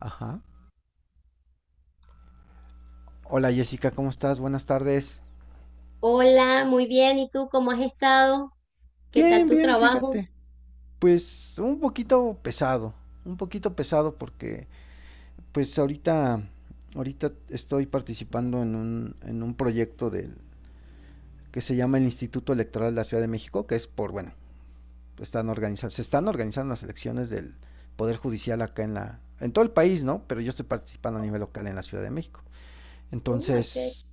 Ajá. Hola Jessica, ¿cómo estás? Buenas tardes. Hola, muy bien. ¿Y tú cómo has estado? ¿Qué tal Bien, tu bien, trabajo? fíjate. Pues un poquito pesado porque pues ahorita estoy participando en un proyecto del que se llama el Instituto Electoral de la Ciudad de México, que es por bueno, están organizando, se están organizando las elecciones del Poder Judicial acá en la en todo el país, ¿no? Pero yo estoy participando a nivel local en la Ciudad de México. Mm, okay. Entonces,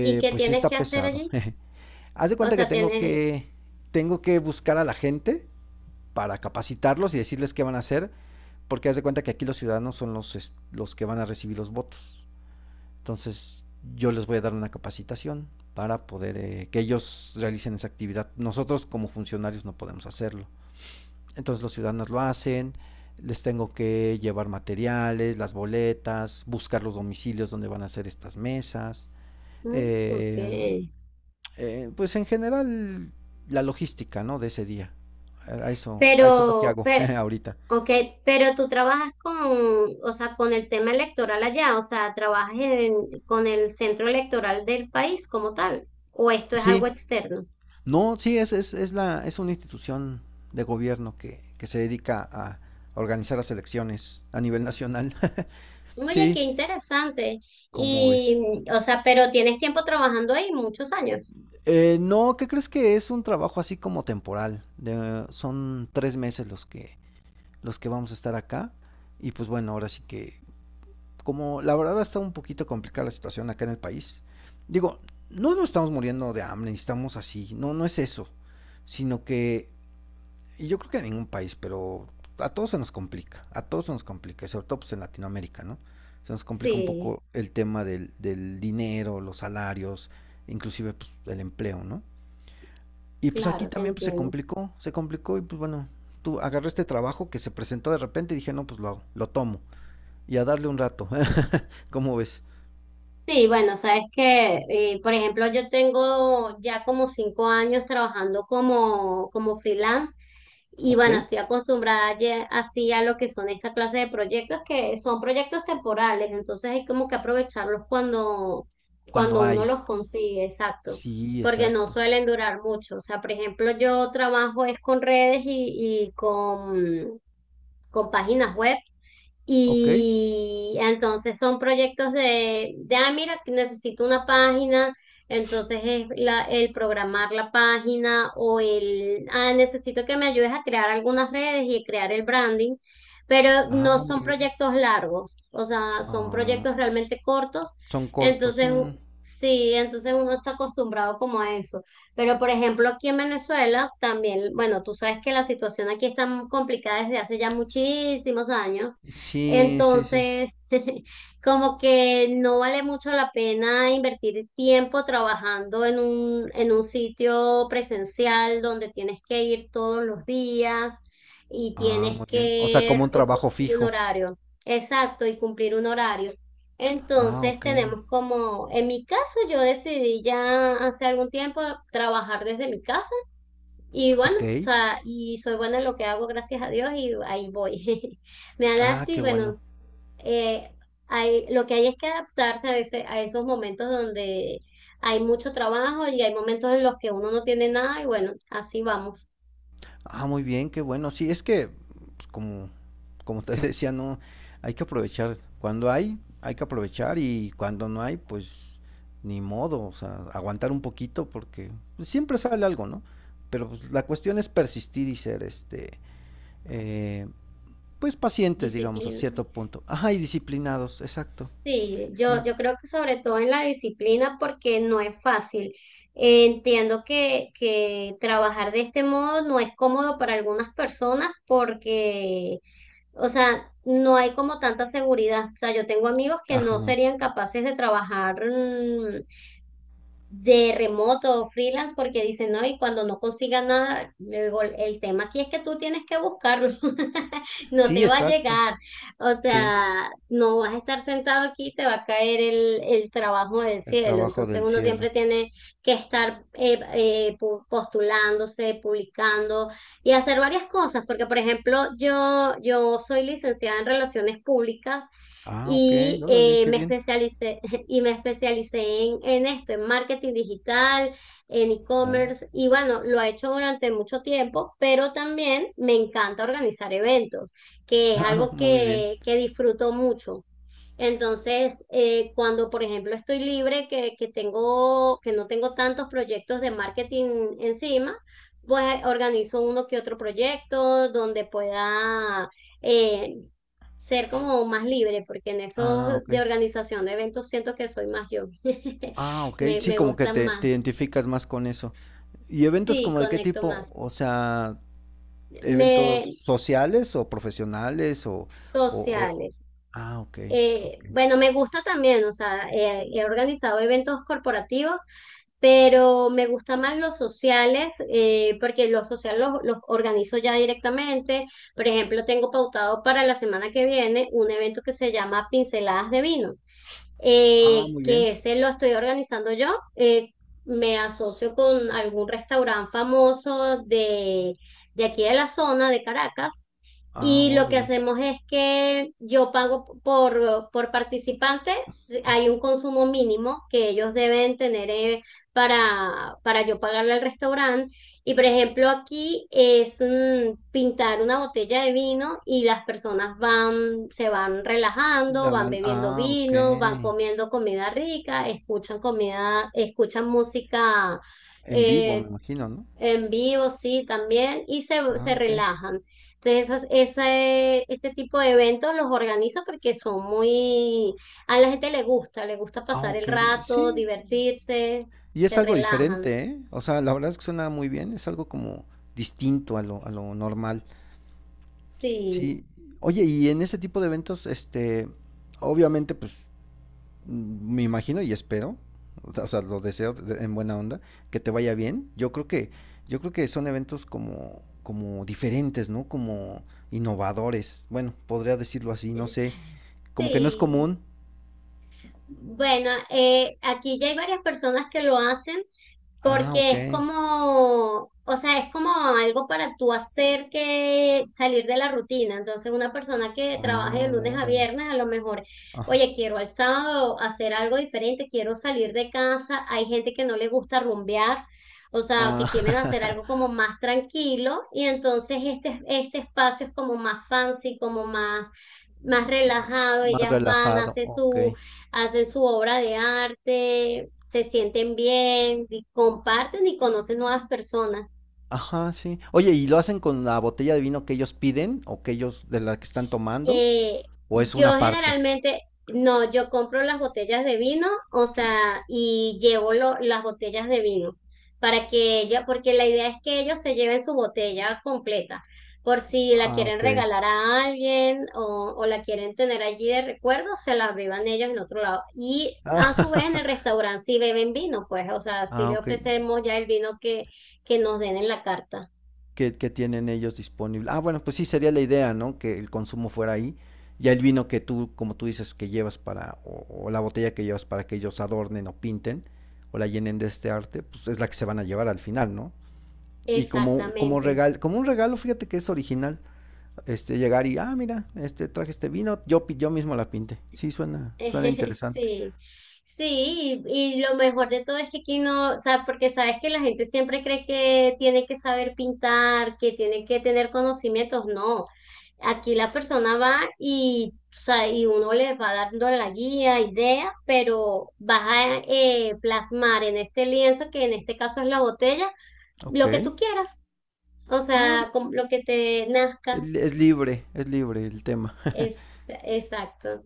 ¿Y qué pues sí tienes está que hacer pesado. allí? Haz de O cuenta que sea, tengo tienes. que tengo que buscar a la gente para capacitarlos y decirles qué van a hacer, porque haz de cuenta que aquí los ciudadanos son los que van a recibir los votos. Entonces, yo les voy a dar una capacitación para poder que ellos realicen esa actividad. Nosotros como funcionarios no podemos hacerlo. Entonces, los ciudadanos lo hacen, les tengo que llevar materiales, las boletas, buscar los domicilios donde van a hacer estas mesas, Mm, eh, okay. Pues en general la logística, ¿no? De ese día. A eso es lo que Pero, hago pero, ahorita. okay, pero tú trabajas con, o sea, con el tema electoral allá, o sea, trabajas con el centro electoral del país como tal, o esto es algo Sí, externo. no, sí, es una institución de gobierno que se dedica a organizar las elecciones a nivel nacional. Oye, qué Sí, interesante. ¿cómo ves? Y, o sea, pero tienes tiempo trabajando ahí, muchos años. No, ¿qué crees? Que es un trabajo así como temporal. De, son tres meses los que vamos a estar acá. Y pues bueno, ahora sí que como la verdad está un poquito complicada la situación acá en el país, digo, no nos estamos muriendo de hambre, estamos así, no, no es eso, sino que, y yo creo que en ningún país, pero a todos se nos complica, a todos se nos complica, sobre todo pues en Latinoamérica, ¿no? Se nos complica un Sí, poco el tema del dinero, los salarios, inclusive pues, el empleo, ¿no? Y pues aquí claro, te también pues, entiendo. Se complicó y pues bueno, tú agarré este trabajo que se presentó de repente y dije, no, pues lo, hago, lo tomo y a darle un rato, ¿cómo ves? Sí, bueno, sabes que, por ejemplo, yo tengo ya como 5 años trabajando como freelance y Ok. bueno, estoy acostumbrada ya así a lo que son esta clase de proyectos que son proyectos temporales, entonces hay como que aprovecharlos cuando Cuando uno hay. los consigue, exacto, Sí, porque no exacto. suelen durar mucho. O sea, por ejemplo, yo trabajo es con redes y con páginas web. Ok. Y entonces son proyectos ah, mira, que necesito una página, entonces es el programar la página o necesito que me ayudes a crear algunas redes y crear el branding, pero no Ah, muy son bien. proyectos largos, o sea, son Ah, proyectos s- realmente cortos, son cortos. entonces Mm. sí, entonces uno está acostumbrado como a eso. Pero por ejemplo, aquí en Venezuela también, bueno, tú sabes que la situación aquí está muy complicada desde hace ya muchísimos años. Sí, sí, sí. Entonces, como que no vale mucho la pena invertir tiempo trabajando en un sitio presencial donde tienes que ir todos los días y Ah, tienes muy bien. O sea, que como un trabajo cumplir un fijo. horario. Exacto, y cumplir un horario. Ah, Entonces ok. tenemos como, en mi caso yo decidí ya hace algún tiempo trabajar desde mi casa y bueno, Ok. o sea, y soy buena en lo que hago, gracias a Dios, y ahí voy. Me Ah, adapto y qué bueno. bueno, eh, hay, lo que hay es que adaptarse a ese, a esos momentos donde hay mucho trabajo y hay momentos en los que uno no tiene nada y bueno, así vamos. Ah, muy bien, qué bueno. Sí, es que, pues, como te decía, no, hay que aprovechar. Cuando hay que aprovechar y cuando no hay, pues ni modo, o sea, aguantar un poquito porque pues, siempre sale algo, ¿no? Pero pues, la cuestión es persistir y ser, este, eh, pues pacientes, digamos, a Disciplina. cierto punto. Ajá, y disciplinados, exacto. Sí, yo, Sí. yo creo que sobre todo en la disciplina porque no es fácil. Entiendo que trabajar de este modo no es cómodo para algunas personas porque, o sea, no hay como tanta seguridad. O sea, yo tengo amigos que no Ajá. serían capaces de trabajar, de remoto o freelance porque dicen, no, y cuando no consiga nada, le digo, el tema aquí es que tú tienes que buscarlo, no te Sí, va a exacto. llegar, o Sí, sea, no vas a estar sentado aquí, te va a caer el trabajo del el cielo, trabajo entonces del uno siempre cielo. tiene que estar postulándose, publicando y hacer varias cosas, porque por ejemplo, yo soy licenciada en relaciones públicas Ah, ok, y órale, qué me bien. especialicé en esto, en marketing digital, en Oh, e-commerce y bueno, lo he hecho durante mucho tiempo, pero también me encanta organizar eventos, que es ah, algo muy bien. que disfruto mucho. Entonces, cuando, por ejemplo, estoy libre, que no tengo tantos proyectos de marketing encima, pues organizo uno que otro proyecto donde pueda eh, ser como más libre, porque en eso Ah, de ok. organización de eventos siento que soy más yo. Ah, ok. Me, Sí, me como que gustan más. te identificas más con eso. ¿Y eventos Sí, como de qué conecto tipo? más. O sea, eventos Me, sociales o profesionales o, o- o- Sociales. ah, ok, ok. Bueno, me gusta también, o sea, he organizado eventos corporativos, pero me gusta más los sociales, porque los sociales los organizo ya directamente. Por ejemplo, tengo pautado para la semana que viene un evento que se llama Pinceladas de Vino, Ah, muy bien. que ese lo estoy organizando yo. eh, Me asocio con algún restaurante famoso de aquí de la zona de Caracas Ah, y lo que órale. hacemos es que yo pago por participante, si hay un consumo mínimo que ellos deben tener para yo pagarle al restaurante. Y por ejemplo, aquí es pintar una botella de vino y las personas van, se van relajando, La van van... bebiendo Ah, ok. vino, van comiendo comida rica, escuchan música En vivo, me eh, imagino, ¿no? en vivo, sí, también, y se Ah, ok. relajan. Entonces, ese tipo de eventos los organizo porque son muy. A la gente le gusta Ah, pasar el ok. rato, Sí. divertirse, Y es se algo relajan. diferente, ¿eh? O sea, la verdad es que suena muy bien. Es algo como distinto a a lo normal. Sí, Sí, oye, y en ese tipo de eventos, este, obviamente, pues, mm, me imagino y espero, o sea, lo en buena onda, que te vaya bien. Yo creo que son eventos como, como diferentes, ¿no? Como innovadores. Bueno, podría decirlo así, no sé, como que no es sí. común. Bueno, aquí ya hay varias personas que lo hacen. Ah, Porque ok. es como, o sea, es como algo para tú hacer que salir de la rutina. Entonces, una persona que trabaje de Ah, lunes a órale. viernes, a lo mejor, Ah, oye, quiero el sábado hacer algo diferente, quiero salir de casa. Hay gente que no le gusta rumbear. O sea, que ah, quieren hacer algo como más tranquilo y entonces este espacio es como más fancy, como más relajado. más Ellas van, relajado, hacen ok. su hacen su obra de arte, se sienten bien, y comparten y conocen nuevas personas. Ajá, sí. Oye, ¿y lo hacen con la botella de vino que ellos piden o que ellos de la que están tomando? Eh, ¿O es yo una parte? generalmente, no, yo compro las botellas de vino, o sea, y llevo las botellas de vino para que ella, porque la idea es que ellos se lleven su botella completa, por si la Ah, quieren ok. regalar a alguien o la quieren tener allí de recuerdo, se la beban ellos en otro lado. Y a su vez en Ah, el restaurante si beben vino, pues, o sea, si ah, le ok. ofrecemos ya el vino que nos den en la carta. Que tienen ellos disponible. Ah, bueno, pues sí sería la idea, ¿no? Que el consumo fuera ahí. Ya el vino que tú, como tú dices, que llevas para, o la botella que llevas para que ellos adornen o pinten, o la llenen de este arte, pues es la que se van a llevar al final, ¿no? Y como, Exactamente. Como un regalo, fíjate que es original. Este, llegar y, ah, mira, este, traje este vino, yo, yo mismo la pinté. Sí, suena interesante. Sí, sí, y lo mejor de todo es que aquí no, o sea, porque sabes que la gente siempre cree que tiene que saber pintar, que tiene que tener conocimientos, no. Aquí la persona va y, o sea, y uno les va dando la guía, idea, pero vas a plasmar en este lienzo, que en este caso es la botella, Ok. lo que tú quieras, o Ah, sea, con lo que te nazca, es libre el tema. es exacto.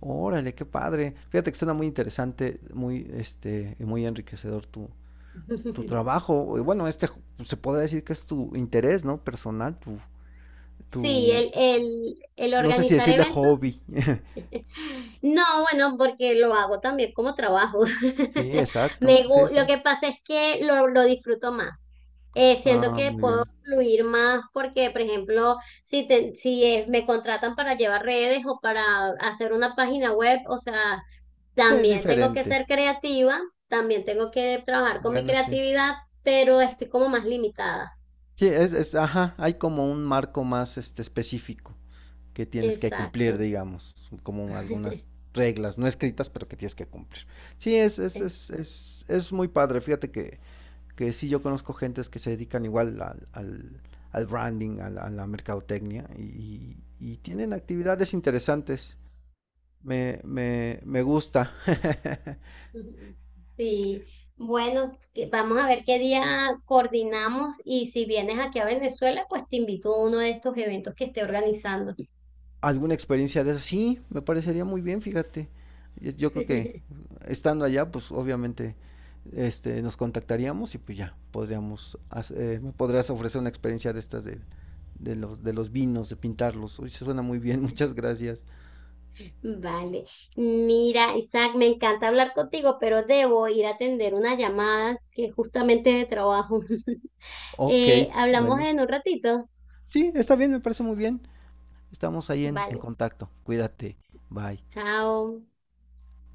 Órale, qué padre. Fíjate que suena muy interesante, muy, este, y muy enriquecedor tu, tu trabajo. Y bueno, este, se podría decir que es tu interés, ¿no? Personal, Sí, tu, el no sé si organizar decirle eventos. hobby. No, bueno, porque lo hago también como trabajo. Sí, exacto, sí, Lo exacto. que pasa es que lo disfruto más. Siento Ah, que muy puedo bien. fluir más porque, por ejemplo, si me contratan para llevar redes o para hacer una página web, o sea, Es también tengo que diferente. ser creativa, también tengo que trabajar con mi Bueno, sí. creatividad, pero estoy como más limitada. Sí, ajá, hay como un marco más este específico que tienes que cumplir, Exacto. digamos, como algunas reglas no escritas, pero que tienes que cumplir. Sí, es muy padre. Fíjate que sí, yo conozco gentes que se dedican igual al branding, a a la mercadotecnia, y tienen actividades interesantes. Me gusta. Ujú. Sí, bueno, vamos a ver qué día coordinamos y si vienes aquí a Venezuela, pues te invito a uno de estos eventos que esté organizando. Alguna experiencia de eso. Sí, me parecería muy bien, fíjate. Yo, creo que estando allá, pues obviamente este, nos contactaríamos y pues ya podríamos, me podrías ofrecer una experiencia de estas de, de los vinos, de pintarlos. Uy, se suena muy bien, muchas gracias. Vale, mira, Isaac, me encanta hablar contigo, pero debo ir a atender una llamada que es justamente de trabajo. Ok, Hablamos bueno. en un ratito. Sí, está bien, me parece muy bien. Estamos ahí en Vale, contacto. Cuídate. Bye. chao.